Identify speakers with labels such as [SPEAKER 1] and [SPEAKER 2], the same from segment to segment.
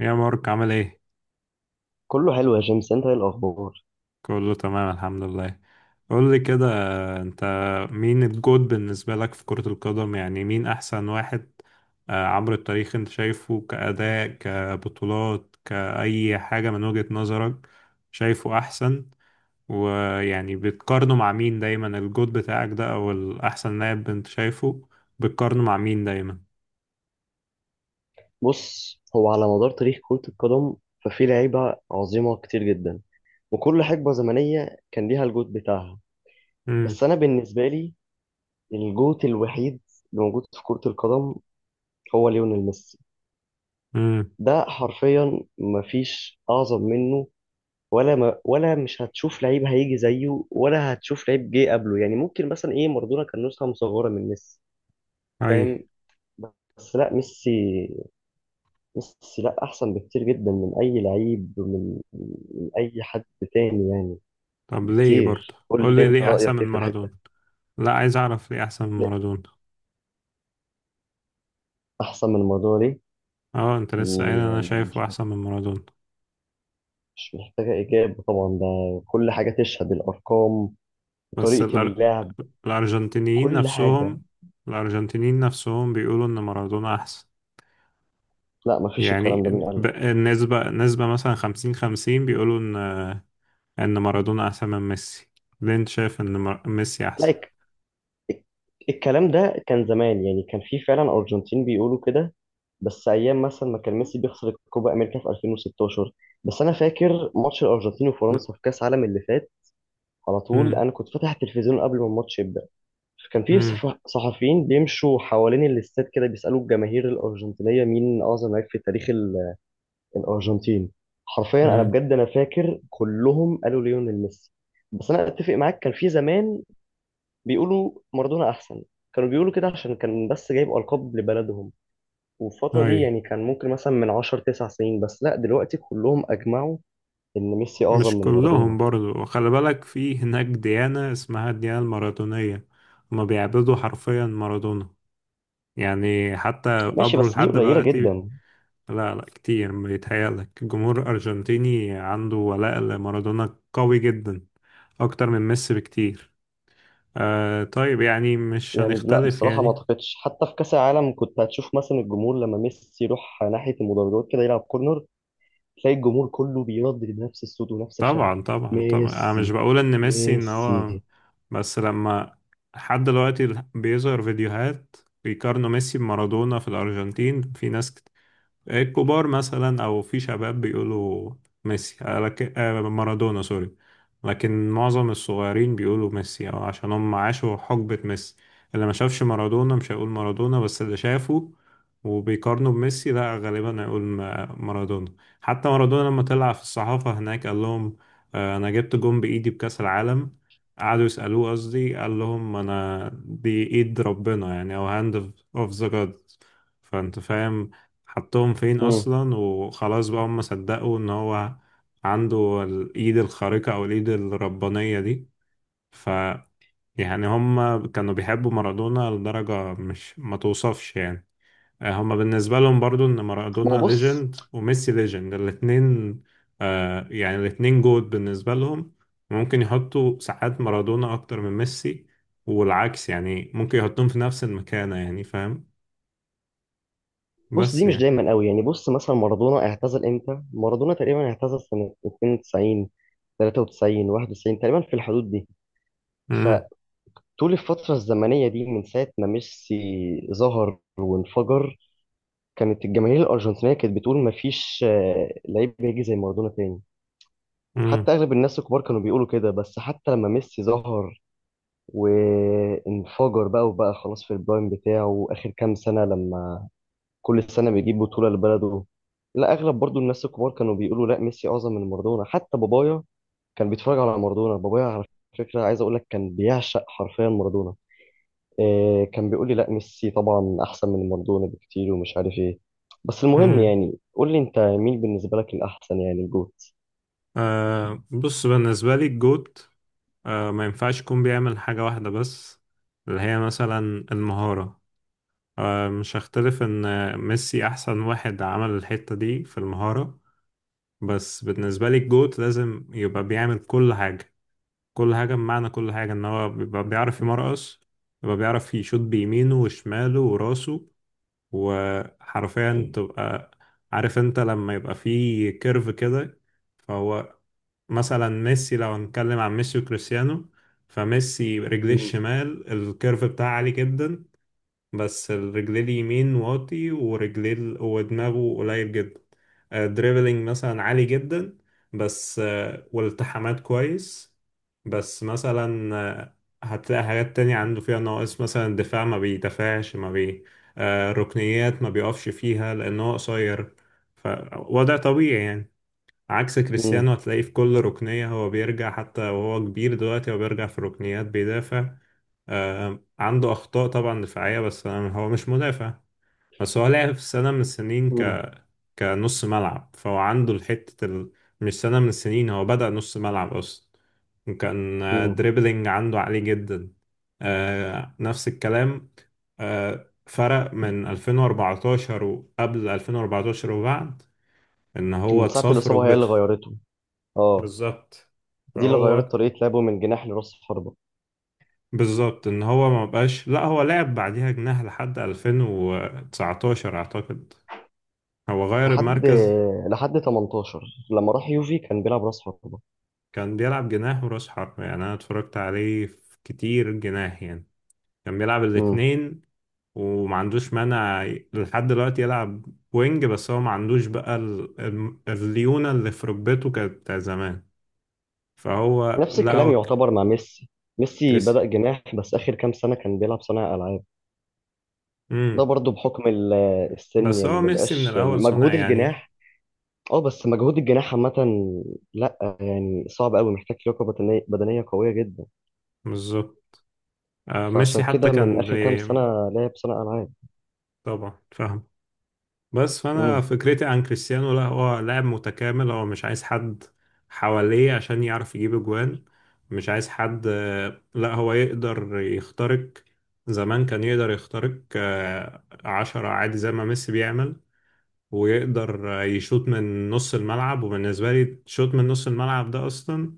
[SPEAKER 1] يا مارك عامل ايه؟
[SPEAKER 2] كله حلو يا جيمس. انت ايه الاخبار؟
[SPEAKER 1] كله تمام الحمد لله. قول لي كده، انت مين الجود بالنسبة لك في كرة القدم؟ يعني مين احسن واحد عبر التاريخ؟ انت شايفه كأداء، كبطولات، كأي حاجة من وجهة نظرك، شايفه احسن؟ ويعني بتقارنه مع مين دايما الجود بتاعك ده او الاحسن لاعب انت شايفه؟ بتقارنه مع مين دايما؟
[SPEAKER 2] بص، هو على مدار تاريخ كرة القدم ففي لعيبة عظيمة كتير جدا، وكل حقبة زمنية كان ليها الجوت بتاعها.
[SPEAKER 1] امم.
[SPEAKER 2] بس انا بالنسبة لي، الجوت الوحيد اللي موجود في كرة القدم هو ليونيل ميسي.
[SPEAKER 1] امم.
[SPEAKER 2] ده حرفيا مفيش اعظم منه. ولا مش هتشوف لعيب هيجي زيه، ولا هتشوف لعيب جه قبله. يعني ممكن مثلا ايه، مارادونا كان نسخة مصغرة من ميسي،
[SPEAKER 1] اي.
[SPEAKER 2] فاهم؟ بس لا، ميسي. ميسي لا احسن بكتير جدا من اي لعيب، من اي حد تاني يعني.
[SPEAKER 1] طب ليه برضه؟
[SPEAKER 2] بكتير. قول
[SPEAKER 1] قول
[SPEAKER 2] لي
[SPEAKER 1] لي
[SPEAKER 2] انت
[SPEAKER 1] ليه احسن
[SPEAKER 2] رايك
[SPEAKER 1] من
[SPEAKER 2] ايه في الحته
[SPEAKER 1] مارادونا؟
[SPEAKER 2] دي.
[SPEAKER 1] لا، عايز اعرف ليه احسن من
[SPEAKER 2] لا،
[SPEAKER 1] مارادونا.
[SPEAKER 2] احسن من الموضوع دي
[SPEAKER 1] اه انت لسه قايل
[SPEAKER 2] دي
[SPEAKER 1] انا
[SPEAKER 2] يعني مش
[SPEAKER 1] شايفه احسن من مارادونا.
[SPEAKER 2] مش محتاجه اجابه طبعا ده. كل حاجه تشهد، الارقام،
[SPEAKER 1] بس
[SPEAKER 2] طريقه
[SPEAKER 1] الأر...
[SPEAKER 2] اللعب،
[SPEAKER 1] الارجنتينيين
[SPEAKER 2] كل حاجه.
[SPEAKER 1] نفسهم، الارجنتينيين نفسهم بيقولوا ان مارادونا احسن.
[SPEAKER 2] لا مفيش،
[SPEAKER 1] يعني
[SPEAKER 2] الكلام ده مين قال لك؟
[SPEAKER 1] النسبة، نسبة مثلا خمسين خمسين بيقولوا ان، ان مارادونا احسن من ميسي. ليه انت شايف ان ميسي
[SPEAKER 2] لا،
[SPEAKER 1] احسن؟
[SPEAKER 2] الكلام ده كان زمان. يعني كان في فعلا أرجنتين بيقولوا كده، بس أيام مثلا ما كان ميسي بيخسر الكوبا أمريكا في 2016. بس أنا فاكر ماتش الأرجنتين وفرنسا في كأس العالم اللي فات، على طول
[SPEAKER 1] امم.
[SPEAKER 2] أنا كنت فاتح التلفزيون قبل ما الماتش يبدأ. كان في
[SPEAKER 1] امم.
[SPEAKER 2] صحفيين بيمشوا حوالين الاستاد كده بيسألوا الجماهير الأرجنتينية مين أعظم لاعب في تاريخ الأرجنتين. حرفيا أنا
[SPEAKER 1] امم.
[SPEAKER 2] بجد أنا فاكر كلهم قالوا ليونيل ميسي. بس أنا أتفق معاك، كان في زمان بيقولوا مارادونا احسن. كانوا بيقولوا كده عشان كان بس جايب القاب لبلدهم، والفتره
[SPEAKER 1] اي.
[SPEAKER 2] دي يعني كان ممكن مثلا من 10 9 سنين. بس لا دلوقتي كلهم اجمعوا ان ميسي اعظم
[SPEAKER 1] مش
[SPEAKER 2] من
[SPEAKER 1] كلهم
[SPEAKER 2] مارادونا.
[SPEAKER 1] برضو، وخلي بالك في هناك ديانة اسمها الديانة المارادونية، هما بيعبدوا حرفيا مارادونا، يعني حتى
[SPEAKER 2] ماشي
[SPEAKER 1] قبره
[SPEAKER 2] بس دي
[SPEAKER 1] لحد
[SPEAKER 2] قليله
[SPEAKER 1] دلوقتي.
[SPEAKER 2] جدا.
[SPEAKER 1] لا لا كتير، بيتهيألك. الجمهور الأرجنتيني عنده ولاء لمارادونا قوي جدا، أكتر من ميسي بكتير. آه طيب، يعني مش
[SPEAKER 2] يعني لا
[SPEAKER 1] هنختلف
[SPEAKER 2] بصراحه ما
[SPEAKER 1] يعني.
[SPEAKER 2] اعتقدش، حتى في كاس العالم كنت هتشوف مثلا الجمهور لما ميسي يروح ناحيه المدرجات كده يلعب كورنر، تلاقي الجمهور كله بيردد نفس الصوت ونفس الشغف:
[SPEAKER 1] طبعا طبعا طبعا، انا مش
[SPEAKER 2] ميسي،
[SPEAKER 1] بقول ان ميسي ان هو،
[SPEAKER 2] ميسي.
[SPEAKER 1] بس لما، لحد دلوقتي بيظهر فيديوهات بيقارنوا ميسي بمارادونا في الارجنتين، في ناس الكبار مثلا او في شباب بيقولوا ميسي لكن مارادونا سوري. لكن معظم الصغيرين بيقولوا ميسي، او عشان هم عاشوا حقبة ميسي. اللي ما شافش مارادونا مش هيقول مارادونا، بس اللي شافه وبيقارنوا بميسي لا غالبا هيقول مارادونا. حتى مارادونا لما طلع في الصحافة هناك قال لهم، انا جبت جون بايدي بكأس العالم، قعدوا يسألوه، قصدي قال لهم انا دي ايد ربنا يعني، او هاند اوف ذا جاد. فانت فاهم، حطهم فين
[SPEAKER 2] مم.
[SPEAKER 1] اصلا، وخلاص بقى هم صدقوا ان هو عنده الايد الخارقة او الايد الربانية دي. ف يعني هم كانوا بيحبوا مارادونا لدرجة مش ما توصفش يعني. هم بالنسبة لهم برضو ان
[SPEAKER 2] ما هو
[SPEAKER 1] مارادونا
[SPEAKER 2] بص.
[SPEAKER 1] ليجند وميسي ليجند الاتنين. آه يعني الاتنين جود بالنسبة لهم. ممكن يحطوا ساعات مارادونا اكتر من ميسي والعكس، يعني ممكن يحطهم في نفس المكانة يعني، فاهم؟ بس
[SPEAKER 2] دي مش
[SPEAKER 1] يعني.
[SPEAKER 2] دايما قوي يعني. بص مثلا مارادونا اعتزل امتى؟ مارادونا تقريبا اعتزل سنة 92، 93، 91، تقريبا في الحدود دي.
[SPEAKER 1] امم.
[SPEAKER 2] فطول الفترة الزمنية دي من ساعة ما ميسي ظهر وانفجر، كانت الجماهير الأرجنتينية كانت بتقول مفيش لعيب بيجي زي مارادونا تاني. حتى أغلب الناس الكبار كانوا بيقولوا كده. بس حتى لما ميسي ظهر وانفجر بقى، وبقى خلاص في البرايم بتاعه آخر كام سنة لما كل سنة بيجيب بطولة لبلده، لا أغلب برضو الناس الكبار كانوا بيقولوا لا، ميسي أعظم من مارادونا. حتى بابايا كان بيتفرج على مارادونا. بابايا على فكرة، عايز أقول لك، كان بيعشق حرفيا مارادونا. إيه، كان بيقول لي لا، ميسي طبعا أحسن من مارادونا بكتير، ومش عارف إيه. بس المهم،
[SPEAKER 1] امم.
[SPEAKER 2] يعني قول لي أنت مين بالنسبة لك الأحسن، يعني الجوت.
[SPEAKER 1] آه بص، بالنسبة لي الجوت، آه ما ينفعش يكون بيعمل حاجة واحدة بس، اللي هي مثلا المهارة. آه مش هختلف إن ميسي أحسن واحد عمل الحتة دي في المهارة، بس بالنسبة لي الجوت لازم يبقى بيعمل كل حاجة. كل حاجة بمعنى كل حاجة، إن هو بيبقى بيعرف يمرقص، بيبقى بيعرف يشوط بيمينه وشماله وراسه، وحرفيا تبقى عارف انت لما يبقى فيه كيرف كده. فهو مثلا، ميسي لو هنتكلم عن ميسي وكريستيانو، فميسي رجليه
[SPEAKER 2] مم.
[SPEAKER 1] الشمال الكيرف بتاعه عالي جدا، بس الرجليه اليمين واطي، ورجليه ودماغه قليل جدا. دريبلينج مثلا عالي جدا، بس والالتحامات كويس. بس مثلا هتلاقي حاجات تانية عنده فيها نواقص، مثلا الدفاع ما بيدافعش ما بي ركنيات ما بيقفش فيها، لأن هو قصير، فوضع طبيعي يعني. عكس
[SPEAKER 2] مم.
[SPEAKER 1] كريستيانو، هتلاقيه في كل ركنية هو بيرجع، حتى وهو كبير دلوقتي هو بيرجع في ركنيات بيدافع. عنده أخطاء طبعا دفاعية، هو مش مدافع. بس هو لعب في سنة من السنين
[SPEAKER 2] مم.
[SPEAKER 1] كنص ملعب، فهو عنده الحتة مش سنة من السنين، هو بدأ نص ملعب أصلا. كان
[SPEAKER 2] مم.
[SPEAKER 1] دريبلينج عنده عالي جدا. نفس الكلام، فرق من 2014، وقبل 2014 وبعد، ان هو
[SPEAKER 2] من ساعة
[SPEAKER 1] اتصاب في
[SPEAKER 2] الإصابة هي اللي
[SPEAKER 1] ركبته.
[SPEAKER 2] غيرته. اه.
[SPEAKER 1] بالظبط.
[SPEAKER 2] دي اللي غيرت
[SPEAKER 1] فهو،
[SPEAKER 2] طريقة لعبه من جناح لراس حربة.
[SPEAKER 1] بالظبط ان هو ما بقاش، لا هو لعب بعديها جناح لحد 2019 اعتقد. هو غير
[SPEAKER 2] لحد
[SPEAKER 1] المركز.
[SPEAKER 2] لحد 18، لما راح يوفي كان بيلعب راس حربة.
[SPEAKER 1] كان بيلعب جناح وراس حربة، يعني انا اتفرجت عليه في كتير جناح يعني، كان بيلعب
[SPEAKER 2] مم.
[SPEAKER 1] الاتنين وما عندوش مانع. لحد دلوقتي يلعب وينج، بس هو ما عندوش بقى الليونة اللي في ركبته كانت بتاع زمان. فهو
[SPEAKER 2] نفس
[SPEAKER 1] لا
[SPEAKER 2] الكلام
[SPEAKER 1] هو
[SPEAKER 2] يعتبر مع ميسي. ميسي
[SPEAKER 1] كريس.
[SPEAKER 2] بدأ جناح بس آخر كام سنة كان بيلعب صانع ألعاب. ده
[SPEAKER 1] امم.
[SPEAKER 2] برضو بحكم السن
[SPEAKER 1] بس
[SPEAKER 2] يعني،
[SPEAKER 1] هو
[SPEAKER 2] ما
[SPEAKER 1] ميسي من
[SPEAKER 2] بقاش يعني
[SPEAKER 1] الاول صنع
[SPEAKER 2] مجهود
[SPEAKER 1] يعني.
[SPEAKER 2] الجناح. اه، بس مجهود الجناح عامة لا، يعني صعب قوي، محتاج لياقة بدنية قوية جدا.
[SPEAKER 1] بالظبط.
[SPEAKER 2] فعشان
[SPEAKER 1] ميسي حتى
[SPEAKER 2] كده من
[SPEAKER 1] كان
[SPEAKER 2] آخر كام سنة لعب صانع ألعاب.
[SPEAKER 1] طبعا فاهم. بس فانا
[SPEAKER 2] امم.
[SPEAKER 1] فكرتي عن كريستيانو، لا هو لاعب متكامل، هو مش عايز حد حواليه عشان يعرف يجيب اجوان. مش عايز حد، لا هو يقدر يخترق. زمان كان يقدر يخترق عشرة عادي زي ما ميسي بيعمل. ويقدر يشوط من نص الملعب، وبالنسبة لي شوط من نص الملعب ده أصلا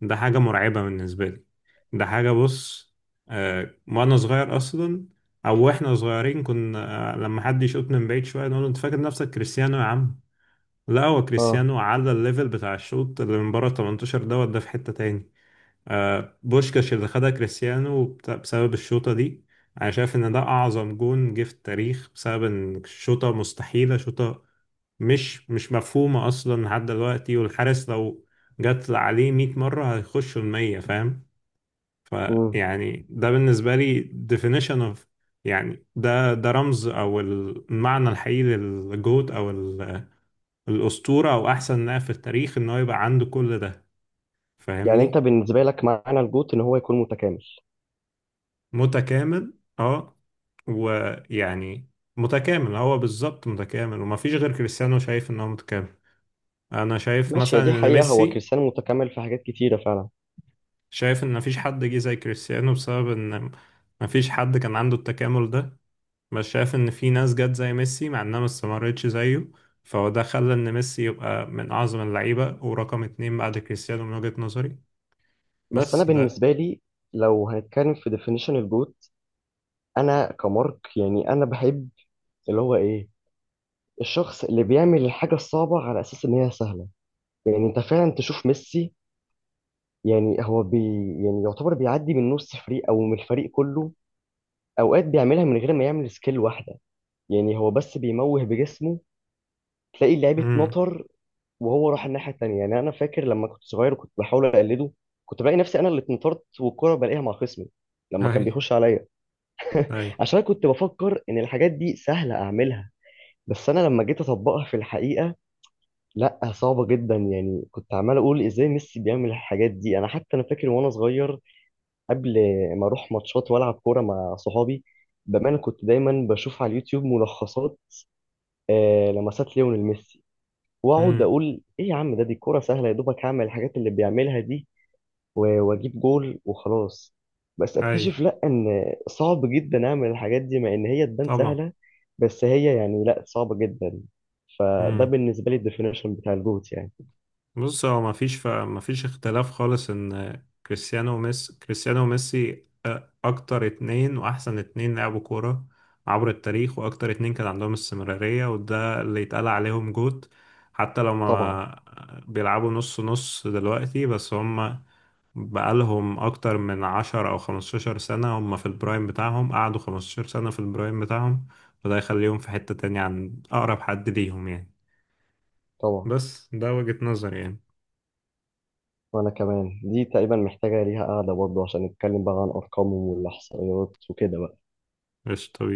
[SPEAKER 1] ده حاجة مرعبة بالنسبة لي. ده حاجة، بص، آه وأنا صغير أصلا، أو وإحنا صغيرين كنا آه لما حد يشوط من بعيد شوية نقول له، أنت فاكر نفسك كريستيانو يا عم؟ لا هو
[SPEAKER 2] اه.
[SPEAKER 1] كريستيانو على الليفل بتاع الشوط اللي من بره 18 دوت ده في حتة تاني. آه بوشكاش اللي خدها كريستيانو بسبب الشوطة دي، أنا شايف إن ده أعظم جون جه في التاريخ، بسبب إن الشوطة مستحيلة، شوطة مش، مش مفهومة أصلا لحد دلوقتي. والحارس لو جت عليه 100 مرة هيخشوا المية، فاهم؟
[SPEAKER 2] امم.
[SPEAKER 1] فيعني ده بالنسبة لي definition of، يعني ده ده رمز أو المعنى الحقيقي للجهد أو الأسطورة أو أحسن لاعب في التاريخ، إن هو يبقى عنده كل ده.
[SPEAKER 2] يعني انت
[SPEAKER 1] فاهمني؟
[SPEAKER 2] بالنسبة لك معنى الجوت ان هو يكون متكامل.
[SPEAKER 1] متكامل أه. ويعني متكامل، هو بالظبط متكامل، ومفيش غير كريستيانو شايف إن هو متكامل. أنا شايف
[SPEAKER 2] ماشي،
[SPEAKER 1] مثلا
[SPEAKER 2] هي دي
[SPEAKER 1] إن
[SPEAKER 2] حقيقة، هو
[SPEAKER 1] ميسي،
[SPEAKER 2] كريستيانو متكامل في حاجات كتيرة فعلا.
[SPEAKER 1] شايف ان مفيش حد جه زي كريستيانو بسبب ان مفيش حد كان عنده التكامل ده. بس شايف ان في ناس جت زي ميسي، مع انها ما استمرتش زيه. فهو ده خلى ان ميسي يبقى من اعظم اللعيبة ورقم اتنين بعد كريستيانو من وجهة نظري.
[SPEAKER 2] بس انا
[SPEAKER 1] بس ده.
[SPEAKER 2] بالنسبة لي، لو هنتكلم في definition الجوت، انا كمارك يعني انا بحب اللي هو ايه، الشخص اللي بيعمل الحاجه الصعبه على اساس ان هي سهله. يعني انت فعلا تشوف ميسي، يعني هو بي يعني يعتبر بيعدي من نص فريق او من الفريق كله، اوقات بيعملها من غير ما يعمل سكيل واحده. يعني هو بس بيموه بجسمه، تلاقي اللعيب
[SPEAKER 1] امم.
[SPEAKER 2] اتنطر وهو راح الناحيه التانيه. يعني انا فاكر لما كنت صغير وكنت بحاول اقلده، كنت بلاقي نفسي انا اللي اتنطرت والكره بلاقيها مع خصمي لما
[SPEAKER 1] اي.
[SPEAKER 2] كان بيخش عليا.
[SPEAKER 1] اي.
[SPEAKER 2] عشان أنا كنت بفكر ان الحاجات دي سهله اعملها، بس انا لما جيت اطبقها في الحقيقه، لا صعبه جدا. يعني كنت عمال اقول ازاي ميسي بيعمل الحاجات دي. انا حتى انا فاكر وانا صغير، قبل ما اروح ماتشات والعب كوره مع صحابي، بامانه كنت دايما بشوف على اليوتيوب ملخصات لمسات ليونيل ميسي، واقعد
[SPEAKER 1] امم.
[SPEAKER 2] اقول ايه يا عم ده، دي كوره سهله، يا دوبك هعمل الحاجات اللي بيعملها دي واجيب جول وخلاص. بس
[SPEAKER 1] اي.
[SPEAKER 2] اكتشف لا ان صعب جدا اعمل الحاجات دي مع ان هي تبان
[SPEAKER 1] طبعا.
[SPEAKER 2] سهله. بس هي يعني لا، صعبه جدا. فده
[SPEAKER 1] مم.
[SPEAKER 2] بالنسبه لي الديفينيشن بتاع الجوت يعني.
[SPEAKER 1] بص هو ما فيش اختلاف خالص ان كريستيانو وميسي، كريستيانو وميسي اكتر اتنين واحسن اتنين لعبوا كورة عبر التاريخ، واكتر اتنين كان عندهم استمرارية، وده اللي يتقال عليهم جوت. حتى لو
[SPEAKER 2] طبعا،
[SPEAKER 1] ما بيلعبوا نص نص دلوقتي، بس هم بقالهم اكتر من 10 او 15 سنة هم في البرايم بتاعهم، قعدوا 15 سنة في البرايم بتاعهم. فده يخليهم في حتة تانية عن اقرب حد ليهم يعني.
[SPEAKER 2] طبعا.
[SPEAKER 1] بس ده وجهة نظري يعني.
[SPEAKER 2] وانا كمان دي تقريبا محتاجه ليها قاعده برضه عشان نتكلم بقى عن ارقامهم والاحصائيات وكده بقى.
[SPEAKER 1] مش طبيعي،